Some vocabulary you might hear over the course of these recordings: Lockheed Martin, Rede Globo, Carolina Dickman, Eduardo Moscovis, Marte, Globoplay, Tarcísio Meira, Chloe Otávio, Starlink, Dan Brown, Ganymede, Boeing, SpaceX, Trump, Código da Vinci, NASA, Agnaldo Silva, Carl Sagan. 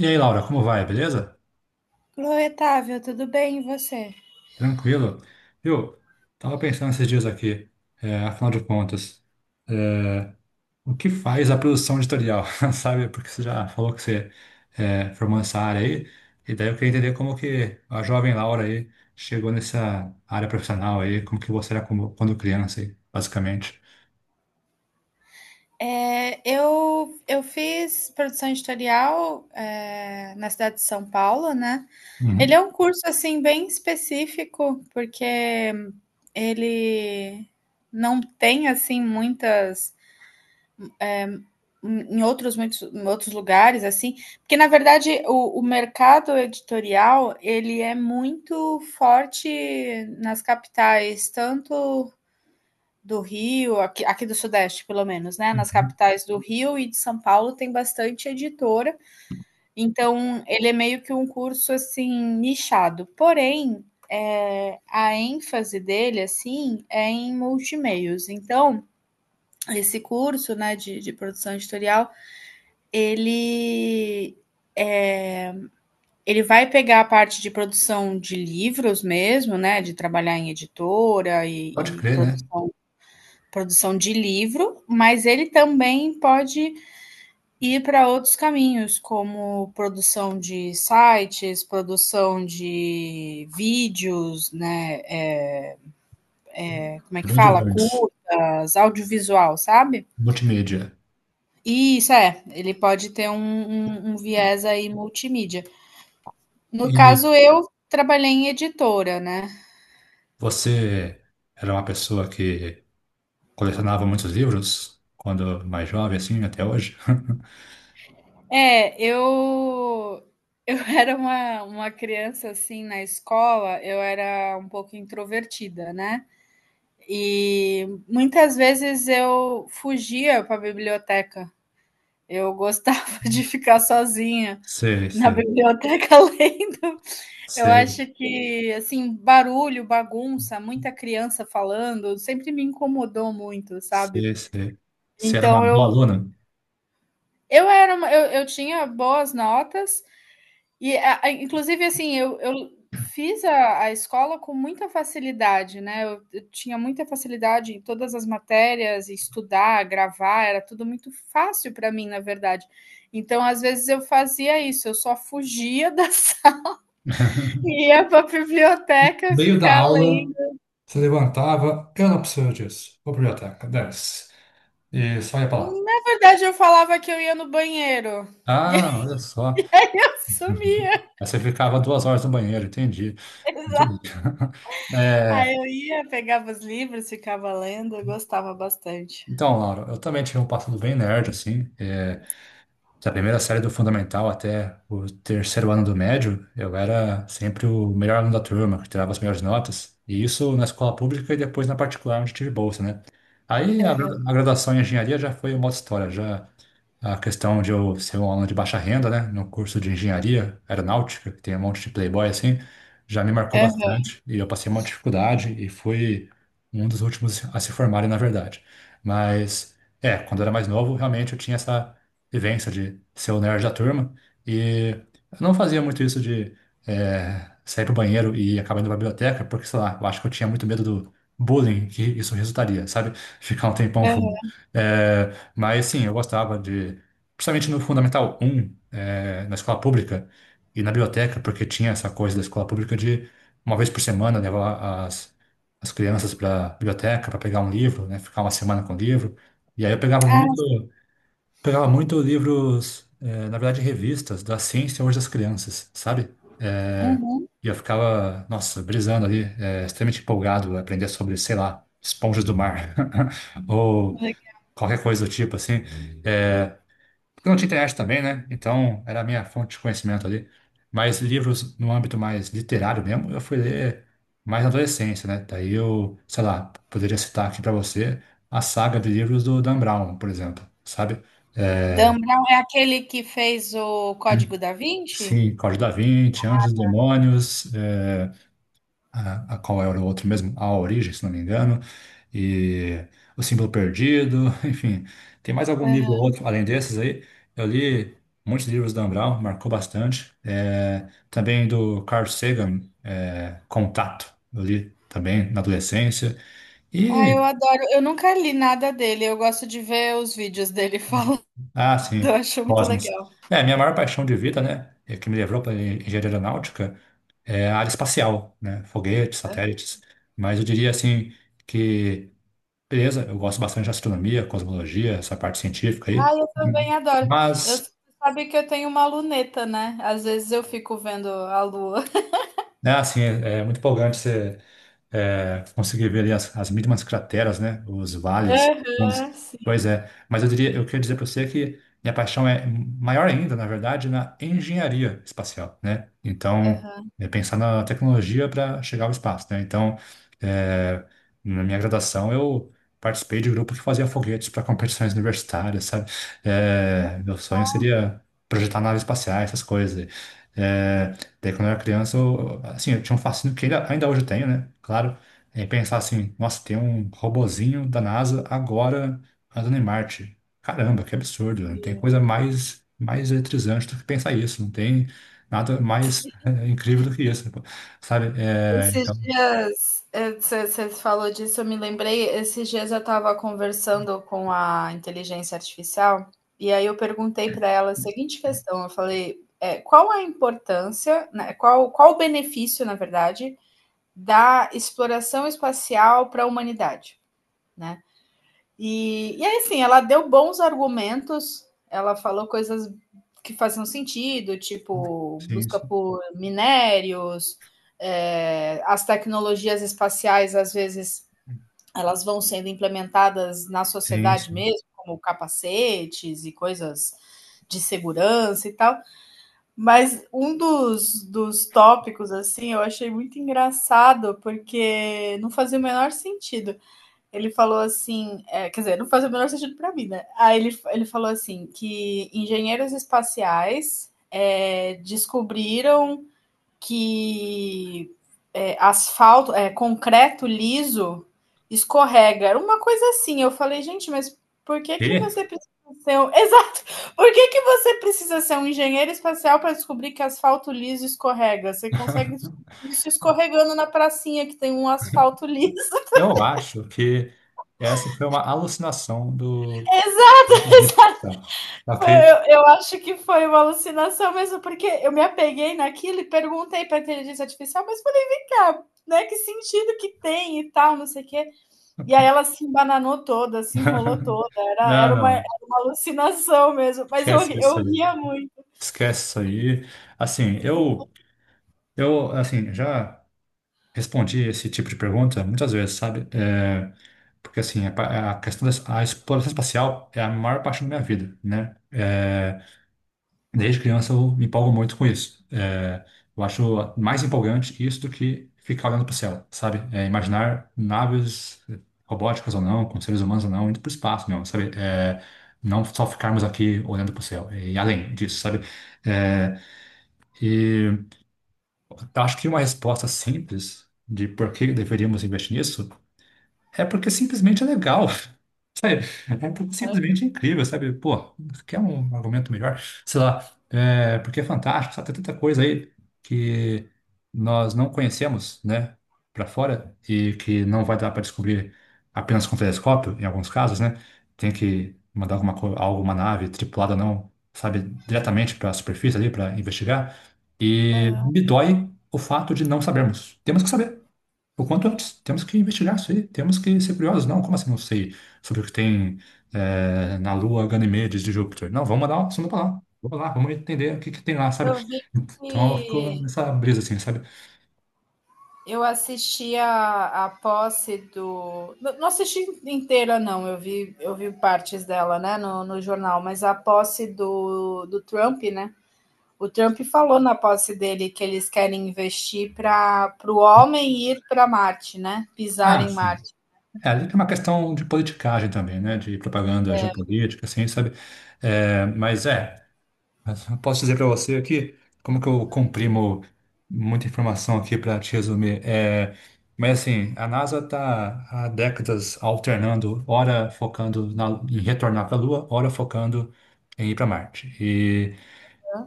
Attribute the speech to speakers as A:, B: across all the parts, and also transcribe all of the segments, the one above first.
A: E aí, Laura, como vai? Beleza?
B: Chloe Otávio, tudo bem e você?
A: Tranquilo? Viu? Tava pensando esses dias aqui, afinal de contas, é, o que faz a produção editorial, sabe? Porque você já falou que você formou essa área aí, e daí eu queria entender como que a jovem Laura aí chegou nessa área profissional aí, como que você era quando criança aí, basicamente.
B: Eu fiz produção editorial na cidade de São Paulo, né? Ele
A: Uhum.
B: é um curso assim bem específico, porque ele não tem assim muitas em outros muitos em outros lugares assim, porque na verdade o mercado editorial ele é muito forte nas capitais, tanto do Rio, aqui, aqui do Sudeste, pelo menos, né? Nas
A: Uhum.
B: capitais do Rio e de São Paulo tem bastante editora. Então, ele é meio que um curso assim nichado. Porém, a ênfase dele, assim, é em multimeios. Então, esse curso, né, de produção editorial, ele é, ele vai pegar a parte de produção de livros mesmo, né, de trabalhar em editora
A: Pode
B: e, e
A: crer,
B: produ
A: né?
B: produção de livro, mas ele também pode ir para outros caminhos, como produção de sites, produção de vídeos, né? É, como é
A: É,
B: que
A: bem
B: fala?
A: diverso.
B: Curtas, audiovisual, sabe?
A: Multimídia.
B: E isso é, ele pode ter um viés aí multimídia. No
A: E
B: caso, eu trabalhei em editora, né?
A: você era uma pessoa que colecionava muitos livros quando mais jovem, assim, até hoje.
B: É, eu eu era uma criança, assim, na escola, eu era um pouco introvertida, né, e muitas vezes eu fugia para a biblioteca. Eu gostava de ficar sozinha
A: Sei,
B: na
A: sei,
B: biblioteca lendo. Eu
A: sei,
B: acho que, assim, barulho, bagunça, muita criança falando, sempre me incomodou muito, sabe.
A: sei, sei. Você era uma
B: Então
A: boa
B: eu
A: aluna?
B: eu era uma eu tinha boas notas. E a inclusive, assim, eu fiz a escola com muita facilidade, né, eu tinha muita facilidade em todas as matérias, em estudar, gravar, era tudo muito fácil para mim, na verdade. Então, às vezes, eu fazia isso, eu só fugia da sala e ia para a biblioteca
A: Meio da
B: ficar
A: aula,
B: lendo.
A: se levantava, eu não preciso disso. Vou pra biblioteca, dane. E só ia pra lá.
B: Na verdade, eu falava que eu ia no banheiro e eu
A: Ah, olha só.
B: sumia.
A: Aí você ficava 2 horas no banheiro, entendi. Muito bem.
B: Exato.
A: É,
B: Aí eu ia, pegava os livros, ficava lendo, eu gostava bastante.
A: então, Laura, eu também tive um passado bem nerd, assim. Da primeira série do fundamental até o terceiro ano do médio, eu era sempre o melhor aluno da turma, que tirava as melhores notas. E isso na escola pública e depois na particular, onde tive bolsa, né? Aí a graduação em engenharia já foi uma outra história, já a questão de eu ser um aluno de baixa renda, né, no curso de engenharia aeronáutica, que tem um monte de playboy assim, já me marcou
B: Aham,
A: bastante e eu passei uma dificuldade e fui um dos últimos a se formarem, na verdade. Mas, quando eu era mais novo, realmente eu tinha essa vivência de ser o nerd da turma e eu não fazia muito isso de sair pro banheiro e acabar indo pra biblioteca, porque, sei lá, eu acho que eu tinha muito medo do bullying que isso resultaria, sabe? Ficar um tempão fora.
B: aham.
A: É, mas sim, eu gostava de, principalmente no Fundamental um, na escola pública e na biblioteca, porque tinha essa coisa da escola pública de uma vez por semana levar as crianças para biblioteca para pegar um livro, né, ficar uma semana com o livro. E aí eu
B: Ah,
A: pegava muito livros, na verdade revistas da ciência hoje das crianças, sabe?
B: uhum.
A: E eu ficava, nossa, brisando ali, extremamente empolgado a aprender sobre, sei lá, esponjas do mar ou qualquer coisa do tipo assim. Porque não tinha internet também, né? Então era a minha fonte de conhecimento ali. Mas livros no âmbito mais literário mesmo, eu fui ler mais na adolescência, né? Daí eu, sei lá, poderia citar aqui para você a saga de livros do Dan Brown, por exemplo, sabe?
B: Dan Brown é aquele que fez o Código da Vinci?
A: Sim. Código da Vinci, Anjos e Demônios, a qual era o outro mesmo, a origem, se não me engano, e o símbolo perdido, enfim, tem mais algum livro ou
B: Aham.
A: outro além desses aí. Eu li muitos livros do Dan Brown, marcou bastante. Também do Carl Sagan, Contato, eu li também na adolescência.
B: Ah, eu
A: E,
B: adoro. Eu nunca li nada dele. Eu gosto de ver os vídeos dele falando.
A: ah, sim,
B: Eu acho muito
A: Cosmos.
B: legal.
A: Minha maior paixão de vida, né, é que me levou para engenharia aeronáutica, é a área espacial, né, foguetes, satélites. Mas eu diria assim que, beleza, eu gosto bastante de astronomia, cosmologia, essa parte científica aí.
B: Ah, eu também adoro. Eu
A: Mas,
B: você sabe que eu tenho uma luneta, né? Às vezes eu fico vendo a lua.
A: né, assim, é muito empolgante você. Consegui ver ali as mínimas crateras, né? Os vales. Vamos-
B: Aham, sim.
A: Pois é. Mas eu diria, eu queria dizer para você que minha paixão é maior ainda, na verdade, na engenharia espacial, né? Então,
B: Aham,
A: é pensar na tecnologia para chegar ao espaço, né? Então, é, na minha graduação, eu participei de um grupo que fazia foguetes para competições universitárias, sabe? Meu sonho seria projetar naves espaciais, essas coisas. É, Daí, quando eu era criança, eu, assim, eu tinha um fascínio que ainda hoje eu tenho, né? Claro. É pensar assim, nossa, tem um robozinho da NASA agora andando em Marte. Caramba, que absurdo, né? Não tem
B: sim.
A: coisa mais eletrizante do que pensar isso, não tem nada mais incrível do que isso, né? Sabe?
B: Esses
A: Então,
B: dias, você falou disso, eu me lembrei. Esses dias eu estava conversando com a inteligência artificial e aí eu perguntei para ela a seguinte questão: eu falei, é, qual a importância, né, qual o benefício, na verdade, da exploração espacial para a humanidade? Né? E aí, sim, ela deu bons argumentos, ela falou coisas que faziam sentido, tipo
A: sim,
B: busca
A: sim,
B: por minérios, é, as tecnologias espaciais, às vezes, elas vão sendo implementadas na
A: sim,
B: sociedade
A: sim.
B: mesmo, como capacetes e coisas de segurança e tal. Mas um dos tópicos, assim, eu achei muito engraçado, porque não fazia o menor sentido ele falou assim, é, quer dizer, não faz o menor sentido para mim, né? Ele falou assim que engenheiros espaciais descobriram que asfalto, concreto liso escorrega. Era uma coisa assim. Eu falei, gente, mas por que que
A: E
B: você precisa ser um... Exato! Por que que você precisa ser um engenheiro espacial para descobrir que asfalto liso escorrega? Você consegue descobrir isso escorregando na pracinha que tem um asfalto liso.
A: eu acho que essa foi uma alucinação do... do-
B: Exato!
A: Ok?
B: Eu acho que foi uma alucinação mesmo, porque eu me apeguei naquilo e perguntei para a inteligência artificial, mas falei, vem cá, né? Que sentido que tem e tal, não sei o quê. E aí ela se embananou toda, se enrolou toda,
A: Não,
B: era
A: não,
B: uma alucinação mesmo, mas
A: esquece isso
B: eu
A: aí.
B: ria muito.
A: Esquece isso aí. Assim, eu, assim, já respondi esse tipo de pergunta muitas vezes, sabe? Porque, assim, a questão da a exploração espacial é a maior parte da minha vida, né? Desde criança eu me empolgo muito com isso. Eu acho mais empolgante isso do que ficar olhando para o céu, sabe? Imaginar naves robóticas ou não, com seres humanos ou não, indo para o espaço mesmo, sabe? Não só ficarmos aqui olhando para o céu, e além disso, sabe? É, e acho que uma resposta simples de por que deveríamos investir nisso é porque simplesmente é legal, sabe? É porque simplesmente é incrível, sabe? Pô, quer um argumento melhor? Sei lá, porque é fantástico, sabe? Tem tanta coisa aí que nós não conhecemos, né? Para fora e que não vai dar para descobrir apenas com telescópio, em alguns casos, né? Tem que mandar alguma nave tripulada, não, sabe? Diretamente para a superfície ali para investigar. E
B: É,
A: me dói o fato de não sabermos. Temos que saber. O quanto antes, temos que investigar isso aí, temos que ser curiosos. Não, como assim não sei sobre o que tem na Lua Ganymedes de Júpiter? Não, vamos mandar uma sonda pra lá. Vamos lá, vamos entender o que, que tem lá,
B: eu
A: sabe?
B: vi
A: Então ficou
B: que
A: nessa brisa assim, sabe?
B: eu assisti a posse do. Não assisti inteira, não. Eu vi partes dela, né, no jornal, mas a posse do Trump, né? O Trump falou na posse dele que eles querem investir para o homem ir para Marte, né? Pisar
A: Ah,
B: em
A: sim.
B: Marte.
A: Ali tem uma questão de politicagem também, né? De propaganda geopolítica, assim, sabe? Mas é. Posso dizer para você aqui como que eu comprimo muita informação aqui para te resumir. Mas assim, a NASA está há décadas alternando, ora focando em retornar para a Lua, ora focando em ir para Marte.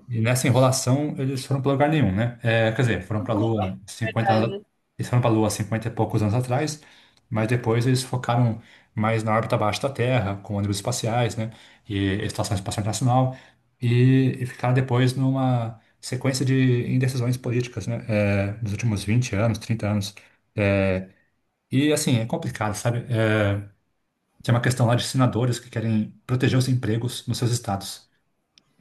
A: E nessa enrolação, eles foram para lugar nenhum, né? Quer dizer, foram para a Lua 50 e poucos anos atrás, mas depois eles focaram mais na órbita abaixo da Terra, com ônibus espaciais, né? E Estação Espacial Internacional, e ficaram depois numa sequência de indecisões políticas, né? Nos últimos 20 anos, 30 anos. É, e assim, é complicado, sabe? Tem uma questão lá de senadores que querem proteger os empregos nos seus estados.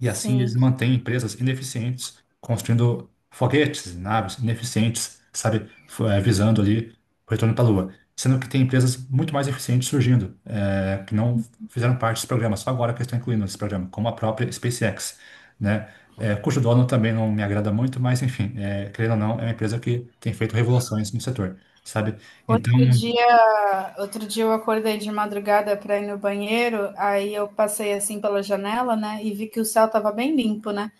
A: E assim eles
B: Sim.
A: mantêm empresas ineficientes, construindo foguetes, naves ineficientes, sabe, visando ali o retorno para a Lua. Sendo que tem empresas muito mais eficientes surgindo, que não fizeram parte desse programa, só agora que estão incluindo esse programa, como a própria SpaceX, né? Cujo dono também não me agrada muito, mas enfim, querendo ou não, é uma empresa que tem feito revoluções no setor, sabe? Então,
B: Outro dia eu acordei de madrugada para ir no banheiro, aí eu passei assim pela janela, né, e vi que o céu estava bem limpo, né?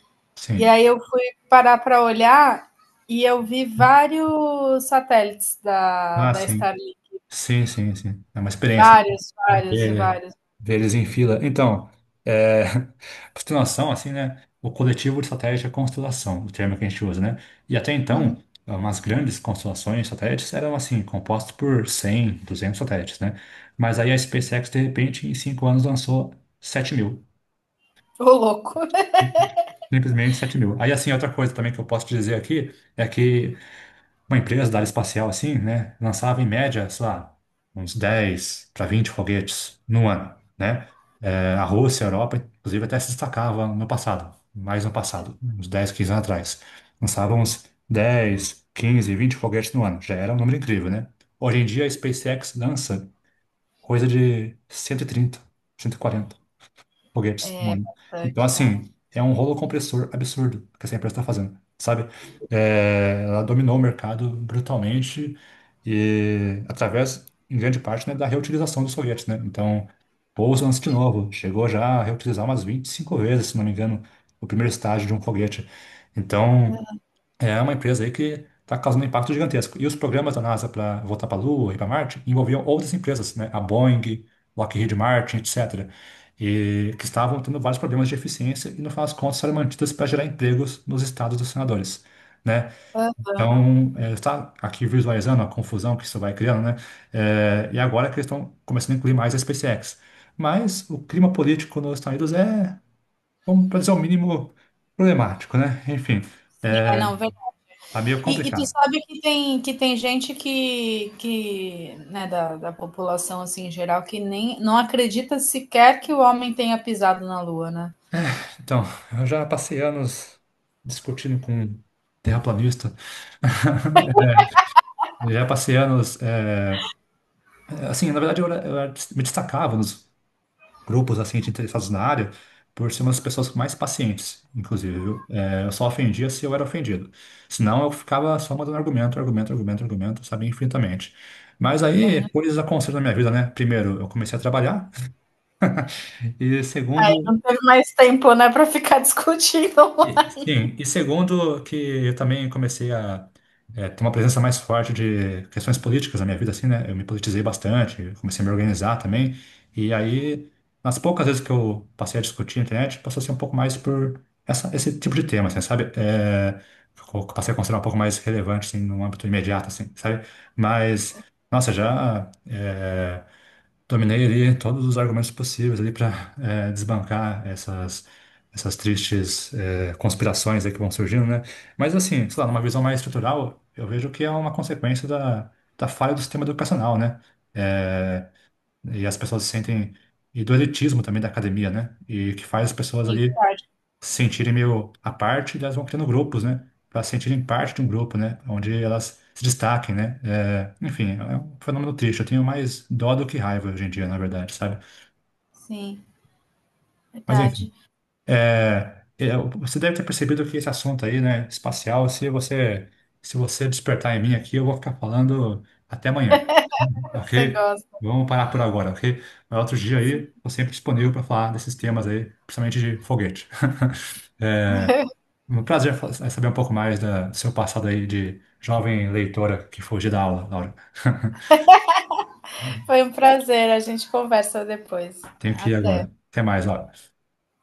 B: E
A: sim.
B: aí eu fui parar para olhar e eu vi vários satélites
A: Ah,
B: da
A: sim.
B: Starlink,
A: Sim, sim, sim. É uma experiência.
B: vários, vários,
A: É,
B: vários.
A: Ver eles em fila. Então, é, constelação, assim, né? O coletivo de satélites é constelação, o termo que a gente usa, né? E até então, umas grandes constelações de satélites eram, assim, compostas por 100, 200 satélites, né? Mas aí a SpaceX, de repente, em 5 anos lançou 7.000.
B: Ô, louco.
A: Simplesmente 7.000. Aí, assim, outra coisa também que eu posso dizer aqui é que uma empresa da área espacial assim, né, lançava em média, sei lá, uns 10 para 20 foguetes no ano, né? A Rússia, a Europa, inclusive, até se destacava no passado, mais no passado, uns 10, 15 anos atrás. Lançavam uns 10, 15, 20 foguetes no ano. Já era um número incrível, né? Hoje em dia, a SpaceX lança coisa de 130, 140 foguetes no ano. Então,
B: Bastante, né?
A: assim, é um rolo compressor absurdo que essa empresa está fazendo, sabe? Ela dominou o mercado brutalmente e através, em grande parte, né, da reutilização dos foguetes, né? Então, pouso antes de novo, chegou já a reutilizar umas 25 vezes, se não me engano, o primeiro estágio de um foguete. Então, é uma empresa aí que está causando um impacto gigantesco. E os programas da NASA para voltar para a Lua e para Marte envolviam outras empresas, né? A Boeing, Lockheed Martin, etc. E que estavam tendo vários problemas de eficiência e, no final das contas, foram mantidas para gerar empregos nos estados dos senadores. Né?
B: Uhum.
A: Então, está aqui visualizando a confusão que isso vai criando, né? E agora que eles estão começando a incluir mais a SpaceX. Mas o clima político nos Estados Unidos é, vamos para dizer o mínimo, problemático, né? Enfim,
B: É,
A: é,
B: não, verdade.
A: tá meio
B: Tu
A: complicado.
B: sabe que tem gente que né, da população assim, em geral que nem não acredita sequer que o homem tenha pisado na lua, né?
A: Então, eu já passei anos discutindo com terraplanista. Eu já passei anos, assim, na verdade eu, me destacava nos grupos assim de interessados na área por ser uma das pessoas mais pacientes, inclusive. Viu? Eu só ofendia se eu era ofendido. Senão eu ficava só mandando argumento, argumento, argumento, argumento, sabe, infinitamente. Mas aí, coisas aconteceram na minha vida, né? Primeiro, eu comecei a trabalhar e segundo,
B: Não teve mais tempo, né, para ficar discutindo.
A: Sim, e segundo que eu também comecei a ter uma presença mais forte de questões políticas na minha vida, assim, né? Eu me politizei bastante, comecei a me organizar também, e aí, nas poucas vezes que eu passei a discutir na internet, passou a ser um pouco mais por esse tipo de tema, assim, sabe? Passei a considerar um pouco mais relevante, assim, no âmbito imediato, assim, sabe? Mas, nossa, já. Dominei ali todos os argumentos possíveis ali para desbancar essas tristes conspirações aí que vão surgindo, né? Mas assim, sei lá, numa visão mais estrutural, eu vejo que é uma consequência da falha do sistema educacional, né? Eh, e as pessoas se sentem e do elitismo também da academia, né? E que faz as pessoas
B: Sim,
A: ali
B: verdade.
A: se sentirem meio à parte, elas vão criando grupos, né? Para se sentirem parte de um grupo, né? Onde elas se destaquem, né? Enfim, é um fenômeno triste. Eu tenho mais dó do que raiva hoje em dia, na verdade, sabe?
B: Sim,
A: Mas enfim,
B: verdade.
A: você deve ter percebido que esse assunto aí, né, espacial, se você despertar em mim aqui, eu vou ficar falando até amanhã,
B: Você
A: ok?
B: gosta.
A: Vamos parar por agora, ok? Mas outro dia aí, estou sempre disponível para falar desses temas aí, principalmente de foguete. É, Um prazer saber um pouco mais do seu passado aí de jovem leitora que fugiu da aula, Laura.
B: Foi um prazer. A gente conversa depois.
A: Tenho que ir
B: Até.
A: agora. Até mais, Laura.